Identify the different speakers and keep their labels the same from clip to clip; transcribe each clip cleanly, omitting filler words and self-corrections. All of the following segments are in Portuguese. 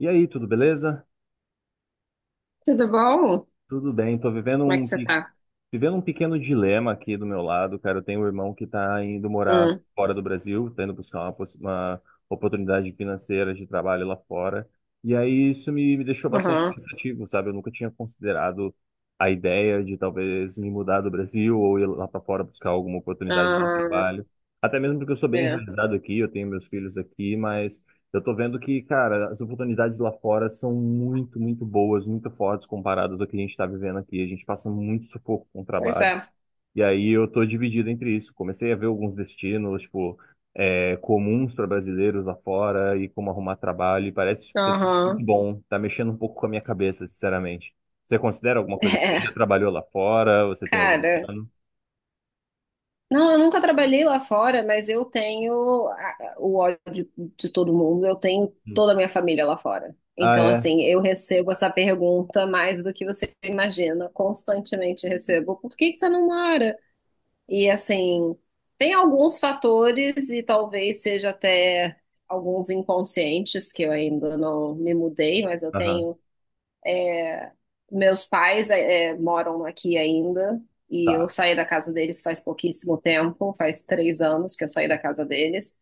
Speaker 1: E aí, tudo beleza?
Speaker 2: Tudo bom?
Speaker 1: Tudo bem, tô
Speaker 2: Como é que você tá?
Speaker 1: vivendo um pequeno dilema aqui do meu lado, cara. Eu tenho um irmão que tá indo morar
Speaker 2: Hum,
Speaker 1: fora do Brasil, tá indo buscar uma oportunidade financeira de trabalho lá fora. E aí isso me deixou bastante
Speaker 2: aham,
Speaker 1: pensativo, sabe? Eu nunca tinha considerado a ideia de talvez me mudar do Brasil ou ir lá para fora buscar alguma oportunidade de
Speaker 2: aham,
Speaker 1: trabalho. Até mesmo porque eu sou bem
Speaker 2: é,
Speaker 1: enraizado aqui, eu tenho meus filhos aqui, mas eu tô vendo que, cara, as oportunidades lá fora são muito, muito boas, muito fortes comparadas ao que a gente tá vivendo aqui. A gente passa muito sufoco com o
Speaker 2: pois
Speaker 1: trabalho.
Speaker 2: é,
Speaker 1: E aí eu tô dividido entre isso. Comecei a ver alguns destinos, tipo, comuns para brasileiros lá fora e como arrumar trabalho. E parece tipo, ser tudo
Speaker 2: aham,
Speaker 1: muito bom. Tá mexendo um pouco com a minha cabeça, sinceramente. Você considera alguma coisa assim?
Speaker 2: é,
Speaker 1: Já trabalhou lá fora? Você tem algum
Speaker 2: cara,
Speaker 1: plano?
Speaker 2: não, eu nunca trabalhei lá fora, mas eu tenho o ódio de todo mundo, eu tenho
Speaker 1: Hum.
Speaker 2: toda a minha família lá fora.
Speaker 1: Ah,
Speaker 2: Então,
Speaker 1: é?
Speaker 2: assim, eu recebo essa pergunta mais do que você imagina, constantemente recebo, por que que você não mora? E assim, tem alguns fatores, e talvez seja até alguns inconscientes, que eu ainda não me mudei, mas eu
Speaker 1: Aham.
Speaker 2: tenho. Meus pais moram aqui ainda, e eu
Speaker 1: Tá.
Speaker 2: saí da casa deles faz pouquíssimo tempo, faz 3 anos que eu saí da casa deles.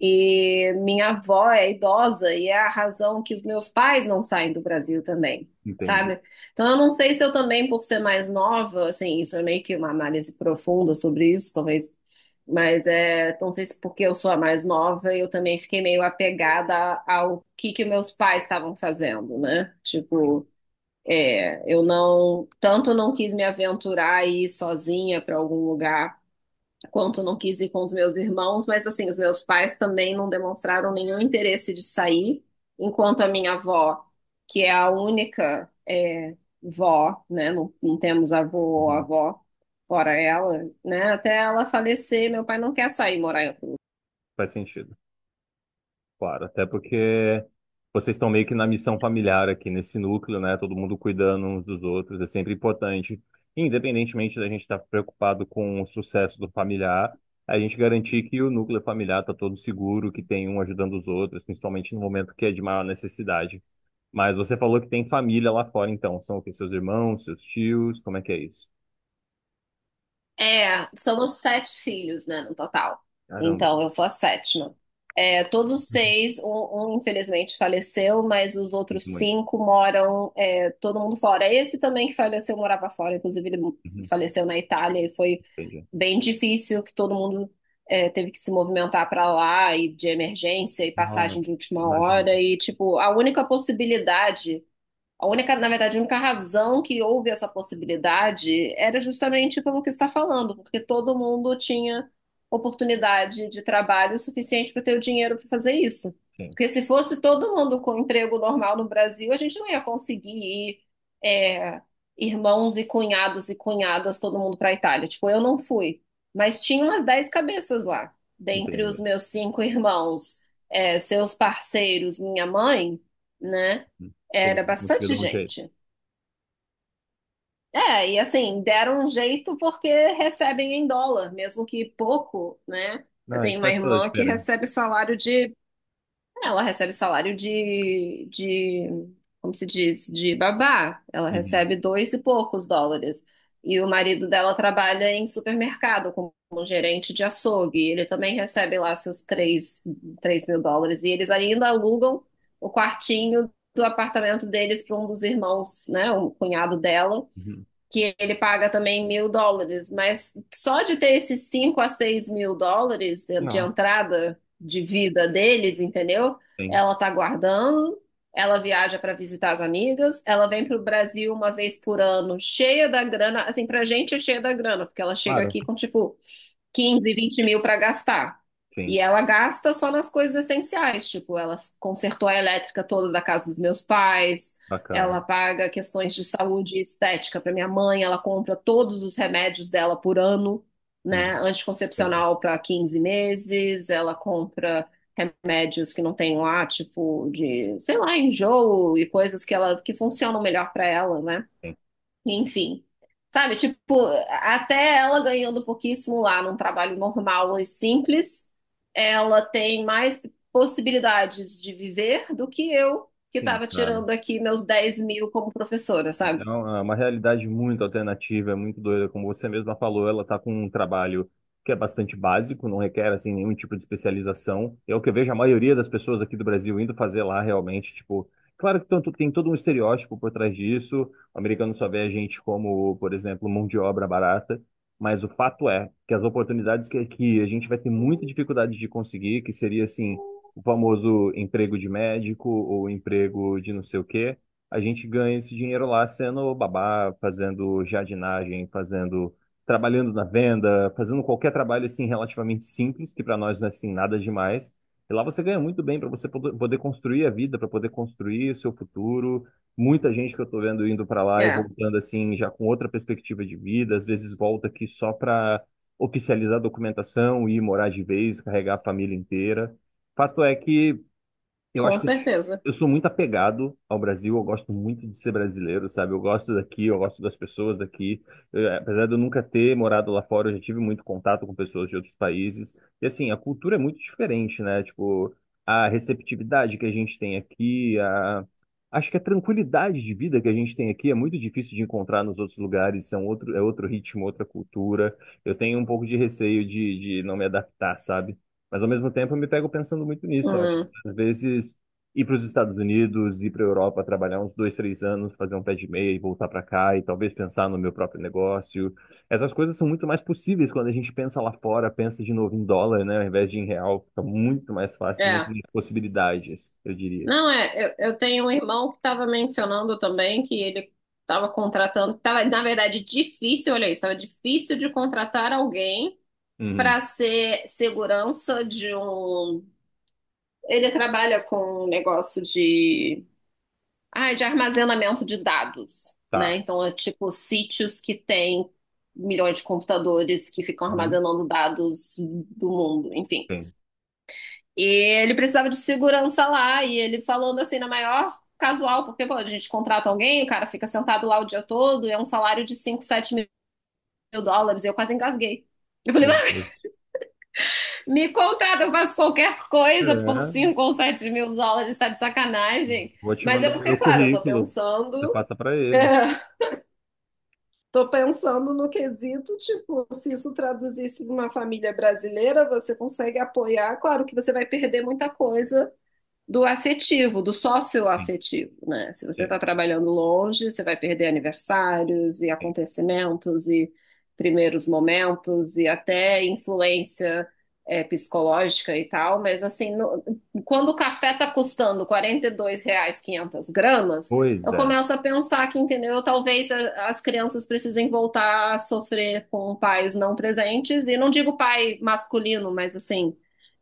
Speaker 2: E minha avó é idosa e é a razão que os meus pais não saem do Brasil também,
Speaker 1: Entendi.
Speaker 2: sabe? Então eu não sei se eu também, por ser mais nova, assim, isso é meio que uma análise profunda sobre isso, talvez, mas é, então, não sei se porque eu sou a mais nova, eu também fiquei meio apegada ao que meus pais estavam fazendo, né? Tipo, é, eu não, tanto não quis me aventurar e ir sozinha para algum lugar quanto não quis ir com os meus irmãos, mas assim, os meus pais também não demonstraram nenhum interesse de sair, enquanto a minha avó, que é a única é, vó, né, não temos avô ou
Speaker 1: Uhum.
Speaker 2: avó, fora ela, né, até ela falecer, meu pai não quer sair morar em outro.
Speaker 1: Faz sentido. Claro, até porque vocês estão meio que na missão familiar aqui nesse núcleo, né? Todo mundo cuidando uns dos outros, é sempre importante. Independentemente da gente estar preocupado com o sucesso do familiar, a gente garantir que o núcleo familiar está todo seguro, que tem um ajudando os outros, principalmente no momento que é de maior necessidade. Mas você falou que tem família lá fora, então. São o quê? Seus irmãos, seus tios? Como é que é isso?
Speaker 2: É, somos sete filhos, né, no total.
Speaker 1: Caramba.
Speaker 2: Então, eu sou a sétima. Todos
Speaker 1: Uhum.
Speaker 2: seis, um, infelizmente faleceu, mas os outros
Speaker 1: Muito, muito.
Speaker 2: cinco moram, é, todo mundo fora. Esse também que faleceu morava fora, inclusive ele
Speaker 1: Uhum.
Speaker 2: faleceu na Itália e foi
Speaker 1: Entendi.
Speaker 2: bem difícil que todo mundo é, teve que se movimentar para lá e de emergência e
Speaker 1: Nossa,
Speaker 2: passagem de última
Speaker 1: imagino.
Speaker 2: hora e tipo a única possibilidade a única, na verdade, a única razão que houve essa possibilidade era justamente pelo que você está falando, porque todo mundo tinha oportunidade de trabalho suficiente para ter o dinheiro para fazer isso.
Speaker 1: Sim,
Speaker 2: Porque se fosse todo mundo com emprego normal no Brasil, a gente não ia conseguir ir, é, irmãos e cunhados e cunhadas, todo mundo para a Itália. Tipo, eu não fui, mas tinha umas 10 cabeças lá, dentre
Speaker 1: entendi.
Speaker 2: os meus cinco irmãos, é, seus parceiros, minha mãe, né?
Speaker 1: Todo
Speaker 2: Era
Speaker 1: mundo conseguiu
Speaker 2: bastante
Speaker 1: dar um jeito.
Speaker 2: gente. É, e assim, deram um jeito porque recebem em dólar, mesmo que pouco, né? Eu
Speaker 1: Não, isso
Speaker 2: tenho uma
Speaker 1: faz toda a
Speaker 2: irmã que
Speaker 1: diferença.
Speaker 2: recebe salário de ela recebe salário de como se diz, de babá. Ela
Speaker 1: Uhum,
Speaker 2: recebe dois e poucos dólares. E o marido dela trabalha em supermercado como um gerente de açougue. Ele também recebe lá seus US$ 3.000. E eles ainda alugam o quartinho do apartamento deles para um dos irmãos, né, um cunhado dela,
Speaker 1: uhum.
Speaker 2: que ele paga também US$ 1.000, mas só de ter esses US$ 5.000 a 6.000 de
Speaker 1: Nossa,
Speaker 2: entrada de vida deles, entendeu?
Speaker 1: sim.
Speaker 2: Ela tá guardando, ela viaja para visitar as amigas, ela vem pro Brasil uma vez por ano, cheia da grana, assim, pra gente é cheia da grana, porque ela chega
Speaker 1: Claro,
Speaker 2: aqui com tipo 15, 20.000 para gastar. E
Speaker 1: sim.
Speaker 2: ela gasta só nas coisas essenciais, tipo, ela consertou a elétrica toda da casa dos meus pais, ela
Speaker 1: Bacana.
Speaker 2: paga questões de saúde e estética para minha mãe, ela compra todos os remédios dela por ano, né?
Speaker 1: Uhum, legal.
Speaker 2: Anticoncepcional para 15 meses, ela compra remédios que não tem lá, tipo de, sei lá, enjoo e coisas que ela que funcionam melhor para ela, né?
Speaker 1: Sim,
Speaker 2: Enfim. Sabe, tipo, até ela ganhando pouquíssimo lá num trabalho normal e simples, ela tem mais possibilidades de viver do que eu, que
Speaker 1: sim,
Speaker 2: estava
Speaker 1: cara.
Speaker 2: tirando aqui meus 10.000 como professora, sabe?
Speaker 1: Então, é uma realidade muito alternativa, é muito doida, como você mesma falou, ela está com um trabalho que é bastante básico, não requer assim nenhum tipo de especialização. É o que eu vejo a maioria das pessoas aqui do Brasil indo fazer lá realmente, tipo, claro que tem todo um estereótipo por trás disso. O americano só vê a gente como, por exemplo, mão de obra barata, mas o fato é que as oportunidades que aqui a gente vai ter muita dificuldade de conseguir, que seria assim, o famoso emprego de médico ou emprego de não sei o quê, a gente ganha esse dinheiro lá sendo babá, fazendo jardinagem, fazendo, trabalhando na venda, fazendo qualquer trabalho assim relativamente simples, que para nós não é assim nada demais. E lá você ganha muito bem para você poder construir a vida, para poder construir o seu futuro. Muita gente que eu estou vendo indo para lá e
Speaker 2: É,
Speaker 1: voltando assim já com outra perspectiva de vida, às vezes volta aqui só para oficializar a documentação e ir morar de vez, carregar a família inteira. Fato é que eu
Speaker 2: com
Speaker 1: acho que eu sou
Speaker 2: certeza.
Speaker 1: eu sou muito apegado ao Brasil, eu gosto muito de ser brasileiro, sabe? Eu gosto daqui, eu gosto das pessoas daqui. Apesar de eu nunca ter morado lá fora, eu já tive muito contato com pessoas de outros países. E assim, a cultura é muito diferente, né? Tipo, a receptividade que a gente tem aqui, a acho que a tranquilidade de vida que a gente tem aqui é muito difícil de encontrar nos outros lugares, são outro, é outro ritmo, outra cultura. Eu tenho um pouco de receio de não me adaptar, sabe? Mas ao mesmo tempo eu me pego pensando muito nisso. Ó.
Speaker 2: Hum,
Speaker 1: Às vezes, ir para os Estados Unidos, ir para a Europa, trabalhar uns dois, três anos, fazer um pé de meia e voltar para cá, e talvez pensar no meu próprio negócio. Essas coisas são muito mais possíveis quando a gente pensa lá fora, pensa de novo em dólar, né, ao invés de em real. Fica muito mais fácil, muito
Speaker 2: é.
Speaker 1: mais possibilidades, eu diria.
Speaker 2: Não, é, eu tenho um irmão que estava mencionando também que ele estava contratando, que tava, na verdade, difícil, olha isso, tava difícil de contratar alguém
Speaker 1: Uhum,
Speaker 2: para ser segurança de um Ele trabalha com um negócio de, ah, de armazenamento de dados, né?
Speaker 1: tá.
Speaker 2: Então é tipo sítios que têm milhões de computadores que ficam
Speaker 1: Uhum,
Speaker 2: armazenando dados do mundo, enfim.
Speaker 1: bem.
Speaker 2: E ele precisava de segurança lá e ele falando assim na maior casual, porque pô, a gente contrata alguém, o cara fica sentado lá o dia todo, e é um salário de US$ 5.000, 7.000, e eu quase engasguei. Eu falei,
Speaker 1: Meu Deus.
Speaker 2: me contrata, eu faço qualquer coisa por
Speaker 1: É,
Speaker 2: US$ 5.000 ou 7.000, tá de sacanagem.
Speaker 1: vou te
Speaker 2: Mas é
Speaker 1: mandar o
Speaker 2: porque,
Speaker 1: meu
Speaker 2: claro, eu tô
Speaker 1: currículo.
Speaker 2: pensando.
Speaker 1: Você passa para
Speaker 2: É,
Speaker 1: ele.
Speaker 2: tô pensando no quesito, tipo, se isso traduzisse para uma família brasileira, você consegue apoiar. Claro que você vai perder muita coisa do afetivo, do
Speaker 1: Sim,
Speaker 2: sócio-afetivo, né? Se você está
Speaker 1: sim,
Speaker 2: trabalhando longe, você vai perder aniversários e
Speaker 1: sim.
Speaker 2: acontecimentos e primeiros momentos e até influência é, psicológica e tal, mas assim, quando o café tá custando R$ 42 500 g,
Speaker 1: Pois
Speaker 2: eu
Speaker 1: é.
Speaker 2: começo a pensar que, entendeu, talvez as crianças precisem voltar a sofrer com pais não presentes, e não digo pai masculino, mas assim,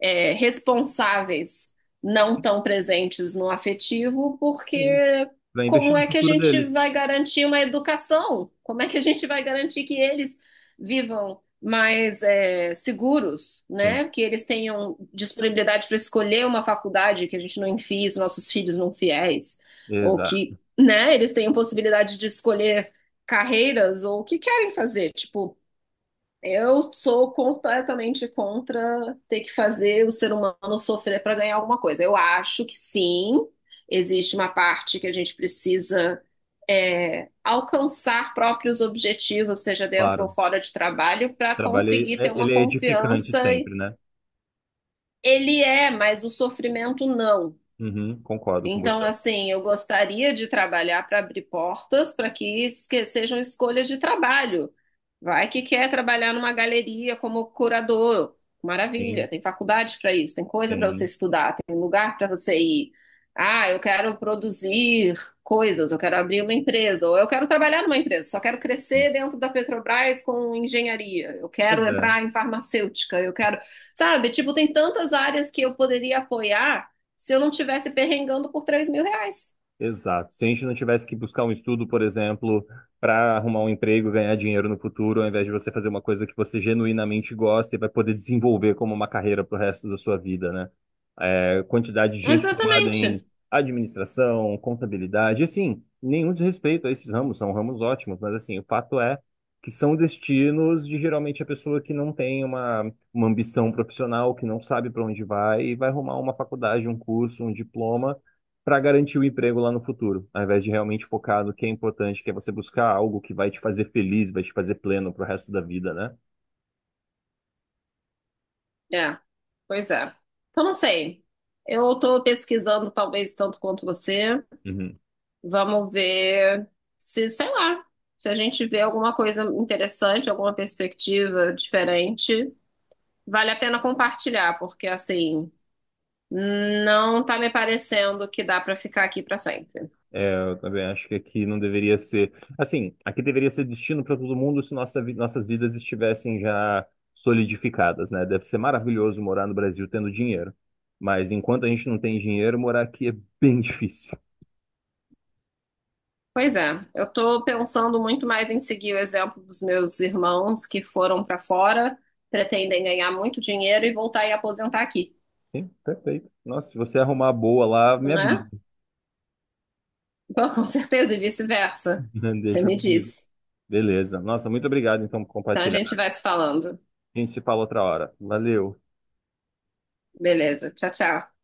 Speaker 2: é, responsáveis não
Speaker 1: Sim,
Speaker 2: tão presentes no afetivo,
Speaker 1: sim.
Speaker 2: porque
Speaker 1: Vai
Speaker 2: como
Speaker 1: investir no
Speaker 2: é que a
Speaker 1: futuro
Speaker 2: gente
Speaker 1: deles.
Speaker 2: vai garantir uma educação? Como é que a gente vai garantir que eles vivam mais é, seguros,
Speaker 1: Sim,
Speaker 2: né? Que eles tenham disponibilidade para escolher uma faculdade que a gente não enfie os nossos filhos não fiéis, ou que,
Speaker 1: exato.
Speaker 2: né, eles tenham possibilidade de escolher carreiras ou o que querem fazer. Tipo, eu sou completamente contra ter que fazer o ser humano sofrer para ganhar alguma coisa. Eu acho que sim, existe uma parte que a gente precisa é, alcançar próprios objetivos, seja dentro ou
Speaker 1: Claro.
Speaker 2: fora de trabalho, para
Speaker 1: Trabalho,
Speaker 2: conseguir ter
Speaker 1: é,
Speaker 2: uma
Speaker 1: ele é edificante
Speaker 2: confiança.
Speaker 1: sempre, né?
Speaker 2: Ele é, mas o sofrimento não.
Speaker 1: Uhum, concordo com
Speaker 2: Então,
Speaker 1: você.
Speaker 2: assim, eu gostaria de trabalhar para abrir portas para que sejam escolhas de trabalho. Vai que quer trabalhar numa galeria como curador.
Speaker 1: Sim,
Speaker 2: Maravilha, tem faculdade para isso, tem coisa para você
Speaker 1: sim,
Speaker 2: estudar, tem lugar para você ir. Ah, eu quero produzir coisas, eu quero abrir uma empresa, ou eu quero trabalhar numa empresa, só quero
Speaker 1: sim.
Speaker 2: crescer dentro da Petrobras com engenharia, eu quero
Speaker 1: Pois é,
Speaker 2: entrar em farmacêutica, eu quero, sabe, tipo, tem tantas áreas que eu poderia apoiar se eu não tivesse perrengando por R$ 3.000.
Speaker 1: exato. Se a gente não tivesse que buscar um estudo, por exemplo, para arrumar um emprego, ganhar dinheiro no futuro, ao invés de você fazer uma coisa que você genuinamente gosta e vai poder desenvolver como uma carreira pro resto da sua vida, né? Quantidade de gente formada
Speaker 2: Exatamente.
Speaker 1: em administração, contabilidade, assim, nenhum desrespeito a esses ramos, são ramos ótimos, mas assim, o fato é que são destinos de geralmente a pessoa que não tem uma ambição profissional, que não sabe para onde vai e vai arrumar uma faculdade, um curso, um diploma para garantir o emprego lá no futuro, ao invés de realmente focar no que é importante, que é você buscar algo que vai te fazer feliz, vai te fazer pleno para o resto da vida, né?
Speaker 2: É, pois é. Então, não sei. Eu tô pesquisando, talvez, tanto quanto você.
Speaker 1: Uhum.
Speaker 2: Vamos ver se, sei lá, se a gente vê alguma coisa interessante, alguma perspectiva diferente, vale a pena compartilhar, porque, assim, não tá me parecendo que dá pra ficar aqui pra sempre.
Speaker 1: Eu também acho que aqui não deveria ser. Assim, aqui deveria ser destino para todo mundo se nossas vidas estivessem já solidificadas, né? Deve ser maravilhoso morar no Brasil tendo dinheiro. Mas enquanto a gente não tem dinheiro, morar aqui é bem difícil.
Speaker 2: Pois é, eu estou pensando muito mais em seguir o exemplo dos meus irmãos que foram para fora, pretendem ganhar muito dinheiro e voltar e aposentar aqui,
Speaker 1: Sim, perfeito. Nossa, se você arrumar boa lá, me
Speaker 2: né?
Speaker 1: avisa.
Speaker 2: Bom, com certeza, e vice-versa. Você
Speaker 1: Deixa
Speaker 2: me
Speaker 1: comigo.
Speaker 2: disse.
Speaker 1: Beleza. Nossa, muito obrigado então por
Speaker 2: Então a
Speaker 1: compartilhar.
Speaker 2: gente vai se falando.
Speaker 1: A gente se fala outra hora. Valeu.
Speaker 2: Beleza, tchau, tchau.